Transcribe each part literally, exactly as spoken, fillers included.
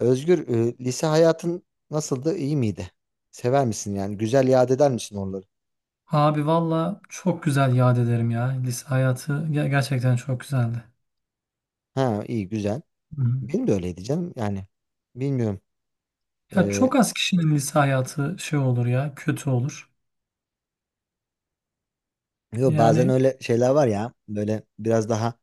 Özgür, e, lise hayatın nasıldı? İyi miydi? Sever misin yani? Güzel yad eder misin oraları? Abi valla çok güzel yad ederim ya. Lise hayatı ge- gerçekten çok güzeldi. Ha, iyi, güzel. Hı hı. Benim de öyleydi canım. Yani bilmiyorum. Ya E, çok az kişinin lise hayatı şey olur ya, kötü olur. Yo, bazen Yani. öyle şeyler var ya. Böyle biraz daha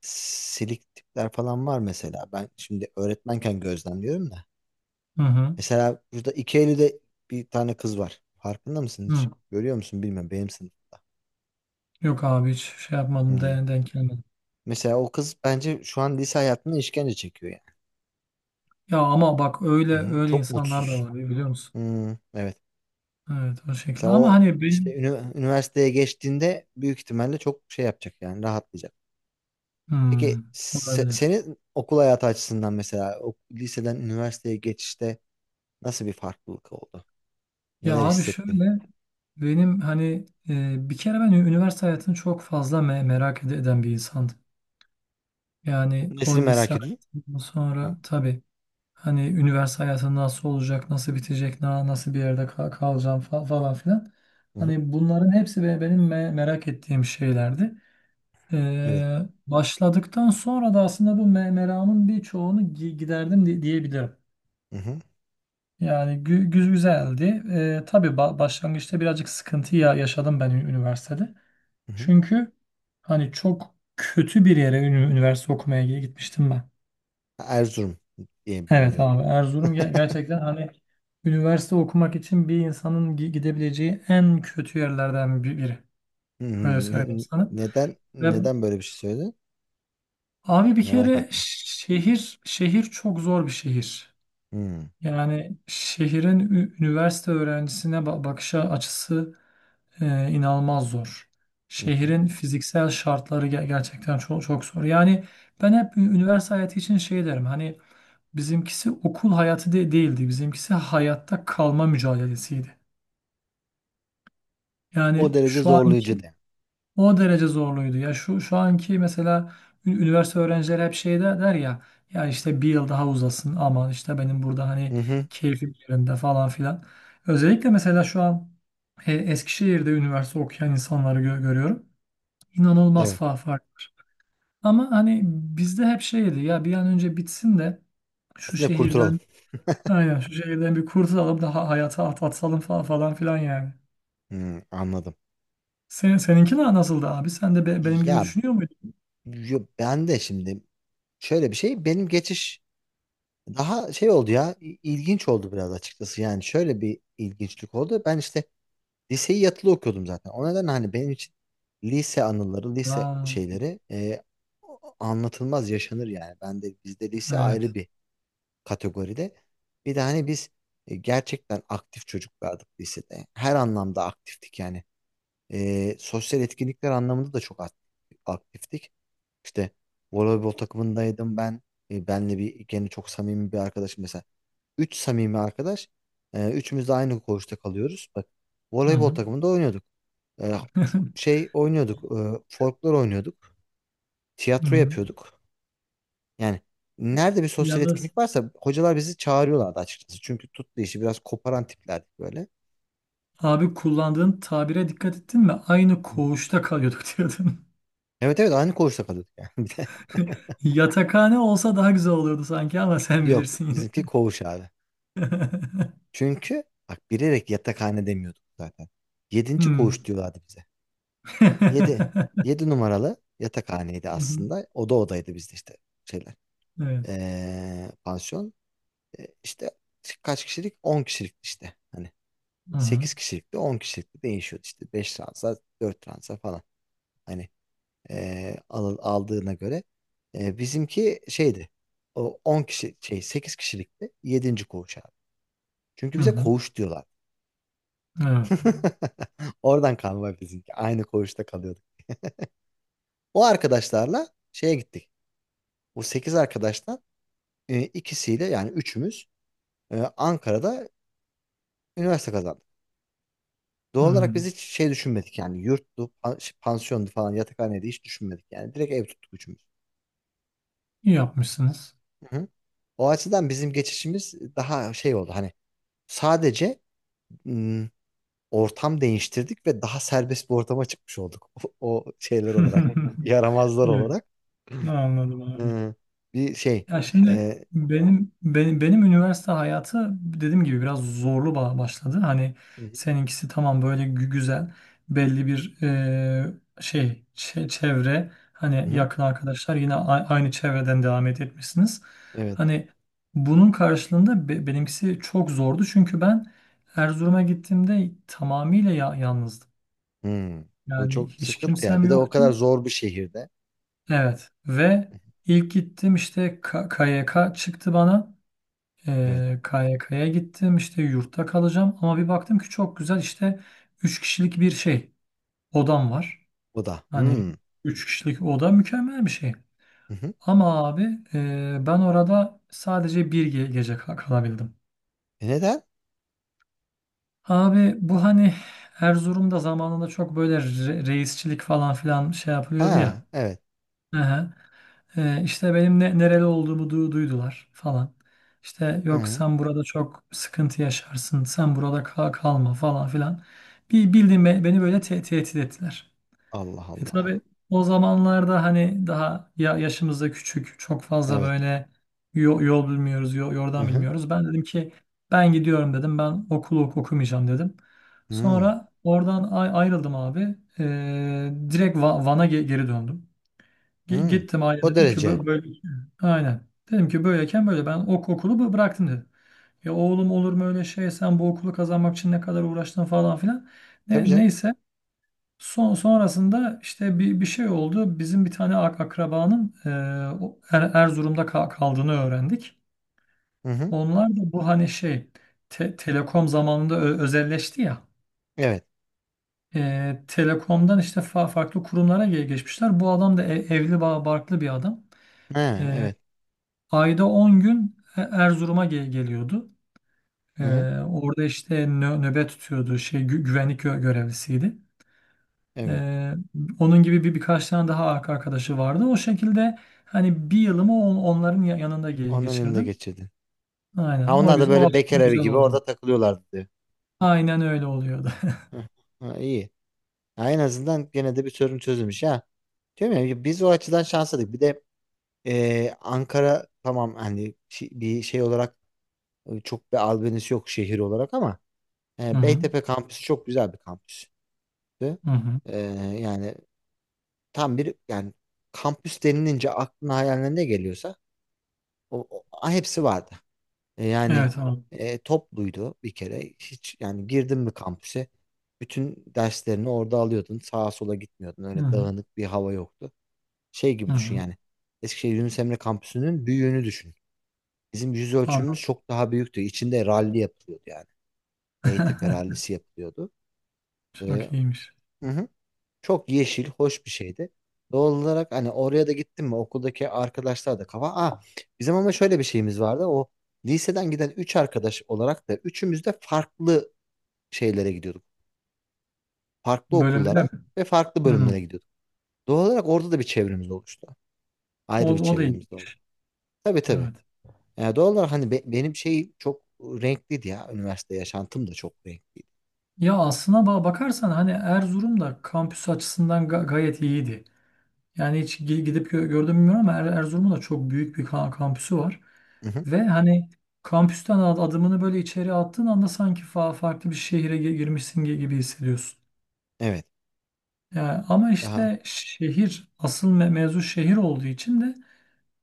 silik tipler falan var mesela. Ben şimdi öğretmenken gözlemliyorum da. Hı hı. Mesela burada iki Eylül'de bir tane kız var. Farkında mısın hiç? Hı. Görüyor musun bilmiyorum. Benim sınıfımda. Yok abi hiç şey yapmadım, Hı. de- denk gelmedim. Mesela o kız bence şu an lise hayatında işkence çekiyor yani. Ya ama bak öyle Hı hı. öyle Çok insanlar da mutsuz. var biliyor musun? Hı, evet. Evet o Sen şekilde ama o hani işte benim. ünü- üniversiteye geçtiğinde büyük ihtimalle çok şey yapacak yani rahatlayacak. Peki Hmm. Se- olabilir. senin okul hayatı açısından mesela o liseden üniversiteye geçişte nasıl bir farklılık oldu? Ya Neler abi hissettin? şöyle benim hani e, bir kere ben ü- üniversite hayatını çok fazla me- merak ed- eden bir insandım. Yani o Nesini lise merak ediyorsun? hayatından Hı sonra tabii. Hani üniversite hayatı nasıl olacak, nasıl bitecek, na- nasıl bir yerde ka- kalacağım fa- falan filan. hı. Hı. Hani bunların hepsi be- benim me- merak ettiğim şeylerdi. Evet. Ee, Başladıktan sonra da aslında bu me- meramın birçoğunu gi- giderdim di- diyebilirim. Hı hı. Yani gü- gü- güzeldi. Ee, tabii ba- başlangıçta birazcık sıkıntı ya- yaşadım ben ü- üniversitede. Hı hı. Çünkü hani çok kötü bir yere ünü- üniversite okumaya gitmiştim ben. Erzurum diye Evet biliniyor. abi Erzurum ge- gerçekten hani üniversite okumak için bir insanın gi- gidebileceği en kötü yerlerden bi- biri. Hı hı. Öyle söyleyeyim Ne- sana. Neden Ve neden böyle bir şey söyledin? abi bir Merak kere ettim. şehir şehir çok zor bir şehir. Hı Yani şehrin ü- üniversite öğrencisine ba- bakış açısı e, inanılmaz zor. hı. Hı. Şehrin fiziksel şartları ge- gerçekten çok çok zor. Yani ben hep ü- üniversite hayatı için şey derim. Hani bizimkisi okul hayatı de değildi. Bizimkisi hayatta kalma mücadelesiydi. O Yani derece şu zorlayıcı anki de. o derece zorluydu. Ya şu şu anki mesela ü- üniversite öğrencileri hep şey de- der ya ya işte bir yıl daha uzasın ama işte benim burada hani Hı hı. keyfim yerinde falan filan. Özellikle mesela şu an e, Eskişehir'de üniversite okuyan insanları gö- görüyorum. İnanılmaz Evet. fa fark var. Ama hani bizde hep şeydi ya bir an önce bitsin de şu Siz de kurtulalım. şehirden. Aynen şu şehirden bir kurtulalım daha hayata at atsalım falan, falan filan yani. Hı, anladım. Senin, seninki na- nasıldı abi? Sen de be- benim gibi Ya, düşünüyor muydun? yo, ben de şimdi şöyle bir şey benim geçiş daha şey oldu ya i- ilginç oldu biraz açıkçası, yani şöyle bir ilginçlik oldu. Ben işte liseyi yatılı okuyordum zaten, o nedenle hani benim için lise anıları, lise Aa, şeyleri, e, anlatılmaz yaşanır yani. Ben de bizde lise evet. ayrı bir kategoride. Bir de hani biz, e, gerçekten aktif çocuklardık lisede, her anlamda aktiftik yani. E, sosyal etkinlikler anlamında da çok aktif- aktiftik. İşte voleybol takımındaydım ben. E, benle bir gene çok samimi bir arkadaşım mesela. Üç samimi arkadaş. E, üçümüz de aynı koğuşta kalıyoruz. Bak, Hı voleybol hı. takımında oynuyorduk. E, Şey oynuyorduk. E, folklor oynuyorduk. Hı Tiyatro hı. yapıyorduk. Yani nerede bir sosyal Yalnız etkinlik varsa hocalar bizi çağırıyorlardı açıkçası. Çünkü tuttu, işi biraz koparan tiplerdik böyle. abi kullandığın tabire dikkat ettin mi? Aynı Hı hı. koğuşta kalıyorduk diyordun. Evet, evet, aynı koğuşta kalıyorduk yani. Bir de- Yatakhane olsa daha güzel olurdu sanki ama sen Yok, bilirsin bizimki yine. koğuş abi. Çünkü bak, bilerek yatakhane demiyorduk zaten. Yedinci Hmm. koğuş diyorlardı bize. Yedi. Hı Yedi numaralı yatakhaneydi hı. aslında. Oda odaydı bizde, işte şeyler. Evet. Ee, pansiyon. Ee, işte kaç kişilik? On kişilik işte. Hani Hı hı. sekiz kişilikte on kişilikte değişiyordu işte. Beş transa, dört transa falan. Hani ee, al- aldığına göre. Ee, bizimki şeydi. O on kişi şey, sekiz kişilikti. Yedinci koğuş abi. Çünkü Hı bize hı. koğuş diyorlar. Evet. Oradan kalma bizimki. Aynı koğuşta kalıyorduk. O arkadaşlarla şeye gittik. O sekiz arkadaştan e, ikisiyle, yani üçümüz, e, Ankara'da üniversite kazandık. Hı. Doğal olarak biz hiç şey düşünmedik yani, yurttu, pan- şey, pansiyondu falan, yatakhaneydi, hiç düşünmedik yani. Direkt ev tuttuk üçümüz. İyi yapmışsınız. Hı hı. O açıdan bizim geçişimiz daha şey oldu, hani sadece ım, ortam değiştirdik ve daha serbest bir ortama çıkmış olduk. O, o şeyler olarak, yaramazlar Evet. olarak. Anladım abi. Hı. Bir şey. Ya şimdi e, benim benim benim üniversite hayatı dediğim gibi biraz zorlu ba- başladı. Hani Hı seninkisi tamam böyle gü- güzel belli bir eee, şey çe- çevre hı. hani Hı. yakın arkadaşlar yine a- aynı çevreden devam et etmişsiniz. Evet. Hani bunun karşılığında be- benimkisi çok zordu çünkü ben Erzurum'a gittiğimde tamamıyla ya yalnızdım. Hı. Bu Yani çok hiç sıkıntı ya. kimsem Bir de o yoktu. kadar zor bir şehirde. Evet ve ilk gittim işte K- KYK çıktı bana. Evet. Ee, K Y K'ya gittim işte yurtta kalacağım ama bir baktım ki çok güzel işte üç kişilik bir şey odam var. Bu da. Hani Hı. üç kişilik oda mükemmel bir şey. Hı hı. Ama abi e, ben orada sadece bir ge- gece ka- kalabildim. E neden? Abi bu hani Erzurum'da zamanında çok böyle re- reisçilik falan filan şey yapılıyordu ya. Ha, evet. Hı hı. Ee, işte benim ne, nereli olduğumu du- duydular falan. İşte yok Hı. sen burada çok sıkıntı yaşarsın, sen burada kal kalma falan filan. Bir bildiğin be- beni böyle te- tehdit ettiler. Allah E Allah. tabii o zamanlarda hani daha ya yaşımız da küçük, çok fazla Evet. böyle yol, yol bilmiyoruz, yo- Hı yordan hı. bilmiyoruz. Ben dedim ki ben gidiyorum dedim, ben okulu ok- okumayacağım dedim. Hı. Sonra oradan ay- ayrıldım abi. Ee, direkt Va- Van'a ge- geri döndüm. Gi- Hı. Gittim aileme O dedim ki derece. böyle, böyle aynen. Dedim ki böyleyken böyle ben ok okulu bı- bıraktım dedim. Ya oğlum olur mu öyle şey sen bu okulu kazanmak için ne kadar uğraştın falan filan. Tabii Ne, canım. Neyse son, sonrasında işte bir, bir şey oldu. Bizim bir tane ak- akrabanın e, o Er- Erzurum'da ka- kaldığını öğrendik. Hı hı. Onlar da bu hani şey te- telekom zamanında ö- özelleşti ya. Evet. E, telekomdan işte fa- farklı kurumlara ge- geçmişler. Bu adam da e- evli ba- barklı bir adam. Ha, evet. Ayda on gün E- Erzurum'a ge- geliyordu. Ee, Hı hı. Orada işte nö- nöbet tutuyordu. Şey gü- güvenlik gö- görevlisiydi. Evet. Ee, Onun gibi bir birkaç tane daha arka- arkadaşı vardı. O şekilde hani bir yılımı on- onların ya- yanında ge- Onların yanında geçirdim. geçirdi. Ha, Aynen. O onlar da güzel, o böyle aslında bekar evi güzel gibi oldu. orada takılıyorlardı diyor. Aynen öyle oluyordu. Hı. Ha, iyi. Ha, en azından gene de bir sorun çözülmüş ha. Değil mi? Biz o açıdan şanslıydık. Bir de ee, Ankara tamam, hani şi- bir şey olarak, e, çok bir albenisi yok şehir olarak ama Hı e, hı. Beytepe kampüsü çok güzel bir kampüstü. Hı hı. Ee, yani tam bir yani kampüs denilince aklına hayaline ne geliyorsa o, o- hepsi vardı. E, yani Evet abi. e, topluydu bir kere. Hiç yani, girdin mi kampüse bütün derslerini orada alıyordun. Sağa sola gitmiyordun. Hı Öyle hı. dağınık bir hava yoktu. Şey Hı gibi düşün hı. yani. Eskişehir Yunus Emre kampüsünün büyüğünü düşün. Bizim yüz Anladım. ölçümümüz çok daha büyüktü. İçinde ralli yapılıyordu yani. Beytepe rallisi yapılıyordu. Ee, Çok iyiymiş. hı hı. Çok yeşil, hoş bir şeydi. Doğal olarak hani, oraya da gittim mi okuldaki arkadaşlar da kafa. Aa, bizim ama şöyle bir şeyimiz vardı. O liseden giden üç arkadaş olarak da üçümüz de farklı şeylere gidiyorduk. Farklı Bölümde okullara mi? ve farklı Hı. bölümlere gidiyorduk. Doğal olarak orada da bir çevremiz oluştu. O, Ayrı bir O da iyi. çevremiz de oldu. Tabii tabii. Evet. Yani doğal olarak hani be- benim şey çok renkliydi ya. Üniversite yaşantım da çok renkliydi. Ya aslına ba- bakarsan hani Erzurum da kampüs açısından ga- gayet iyiydi. Yani hiç gi- gidip gö- gördüm mü bilmiyorum ama Er- Erzurum'un da çok büyük bir ka- kampüsü var. Mhm. Ve hani kampüsten ad- adımını böyle içeri attığın anda sanki fa- farklı bir şehire gi- girmişsin gi- gibi hissediyorsun. Evet. Yani ama Daha. işte şehir asıl me mevzu şehir olduğu için de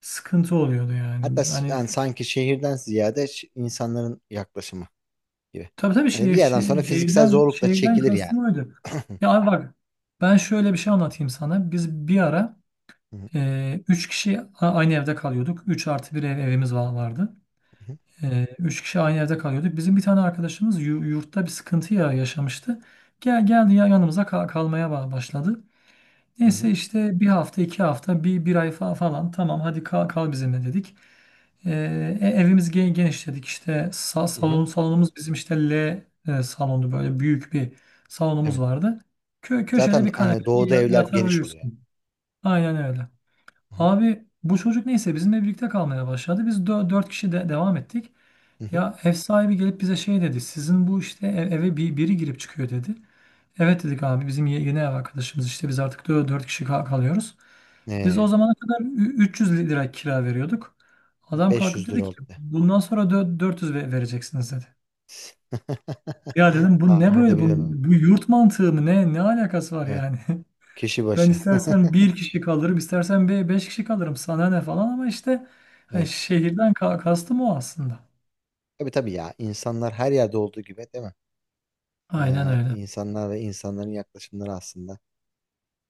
sıkıntı oluyordu Hatta yani. s- Hani yani sanki şehirden ziyade ş- insanların yaklaşımı gibi. tabii tabii Hani bir şehir, yerden sonra şe- fiziksel şehirden zorluk da şehirden çekilir yani. kastım oydu. Hı Ya abi bak ben şöyle bir şey anlatayım sana. Biz bir ara hı, Ee, üç kişi a- aynı evde kalıyorduk. Üç artı bir ev, evimiz va- vardı. hı hı, Ee, üç kişi aynı evde kalıyorduk. Bizim bir tane arkadaşımız yu- yurtta bir sıkıntı ya yaşamıştı. Gel geldi ya yanımıza ka- kalmaya ba- başladı. hı hı. Neyse işte bir hafta, iki hafta, bir, bir ay fa- falan tamam hadi kal, kal bizimle dedik. Ee, e- evimiz gen- geniş dedik işte sa- Hı hı. salon, salonumuz bizim işte L e, salondu böyle büyük bir salonumuz Evet. vardı. Kö köşede Zaten bir hani kanepede doğuda ya- evler yatar geniş oluyor. uyursun. Aynen öyle. Hı hı, Abi bu çocuk neyse bizimle birlikte kalmaya başladı. Biz dö- dört kişi de devam ettik. hı hı. Ya ev sahibi gelip bize şey dedi. Sizin bu işte ev- eve bir, biri girip çıkıyor dedi. Evet dedik abi bizim ye- yeni ev arkadaşımız işte biz artık dö- dört kişi kal- kalıyoruz. Biz o Ee, zamana kadar ü- üç yüz lira kira veriyorduk. Adam kalkıp beş yüz dedi lira ki oldu. De. bundan sonra dö- dört yüz ve- vereceksiniz dedi. Ya dedim bu ne Tahmin böyle bu, edebiliyorum onu. bu yurt mantığı mı ne ne alakası var Evet. yani? Kişi Ben başı. istersen bir kişi kalırım, istersen be- beş kişi kalırım. Sana ne falan ama işte hani Evet. şehirden ka- kastım o aslında. Tabii tabii ya. İnsanlar her yerde olduğu gibi değil mi? Aynen Ee, öyle. insanlar ve insanların yaklaşımları aslında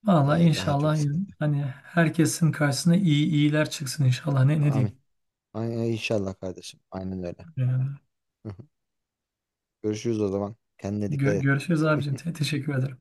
Valla ee, daha çok inşallah sıkıntı. hani herkesin karşısına iyi iyiler çıksın inşallah. Ne ne Amin. diyeyim? Ay, ay, inşallah kardeşim. Aynen öyle. Yani Görüşürüz o zaman. Kendine dikkat gö- et. görüşürüz abicim. Te- teşekkür ederim.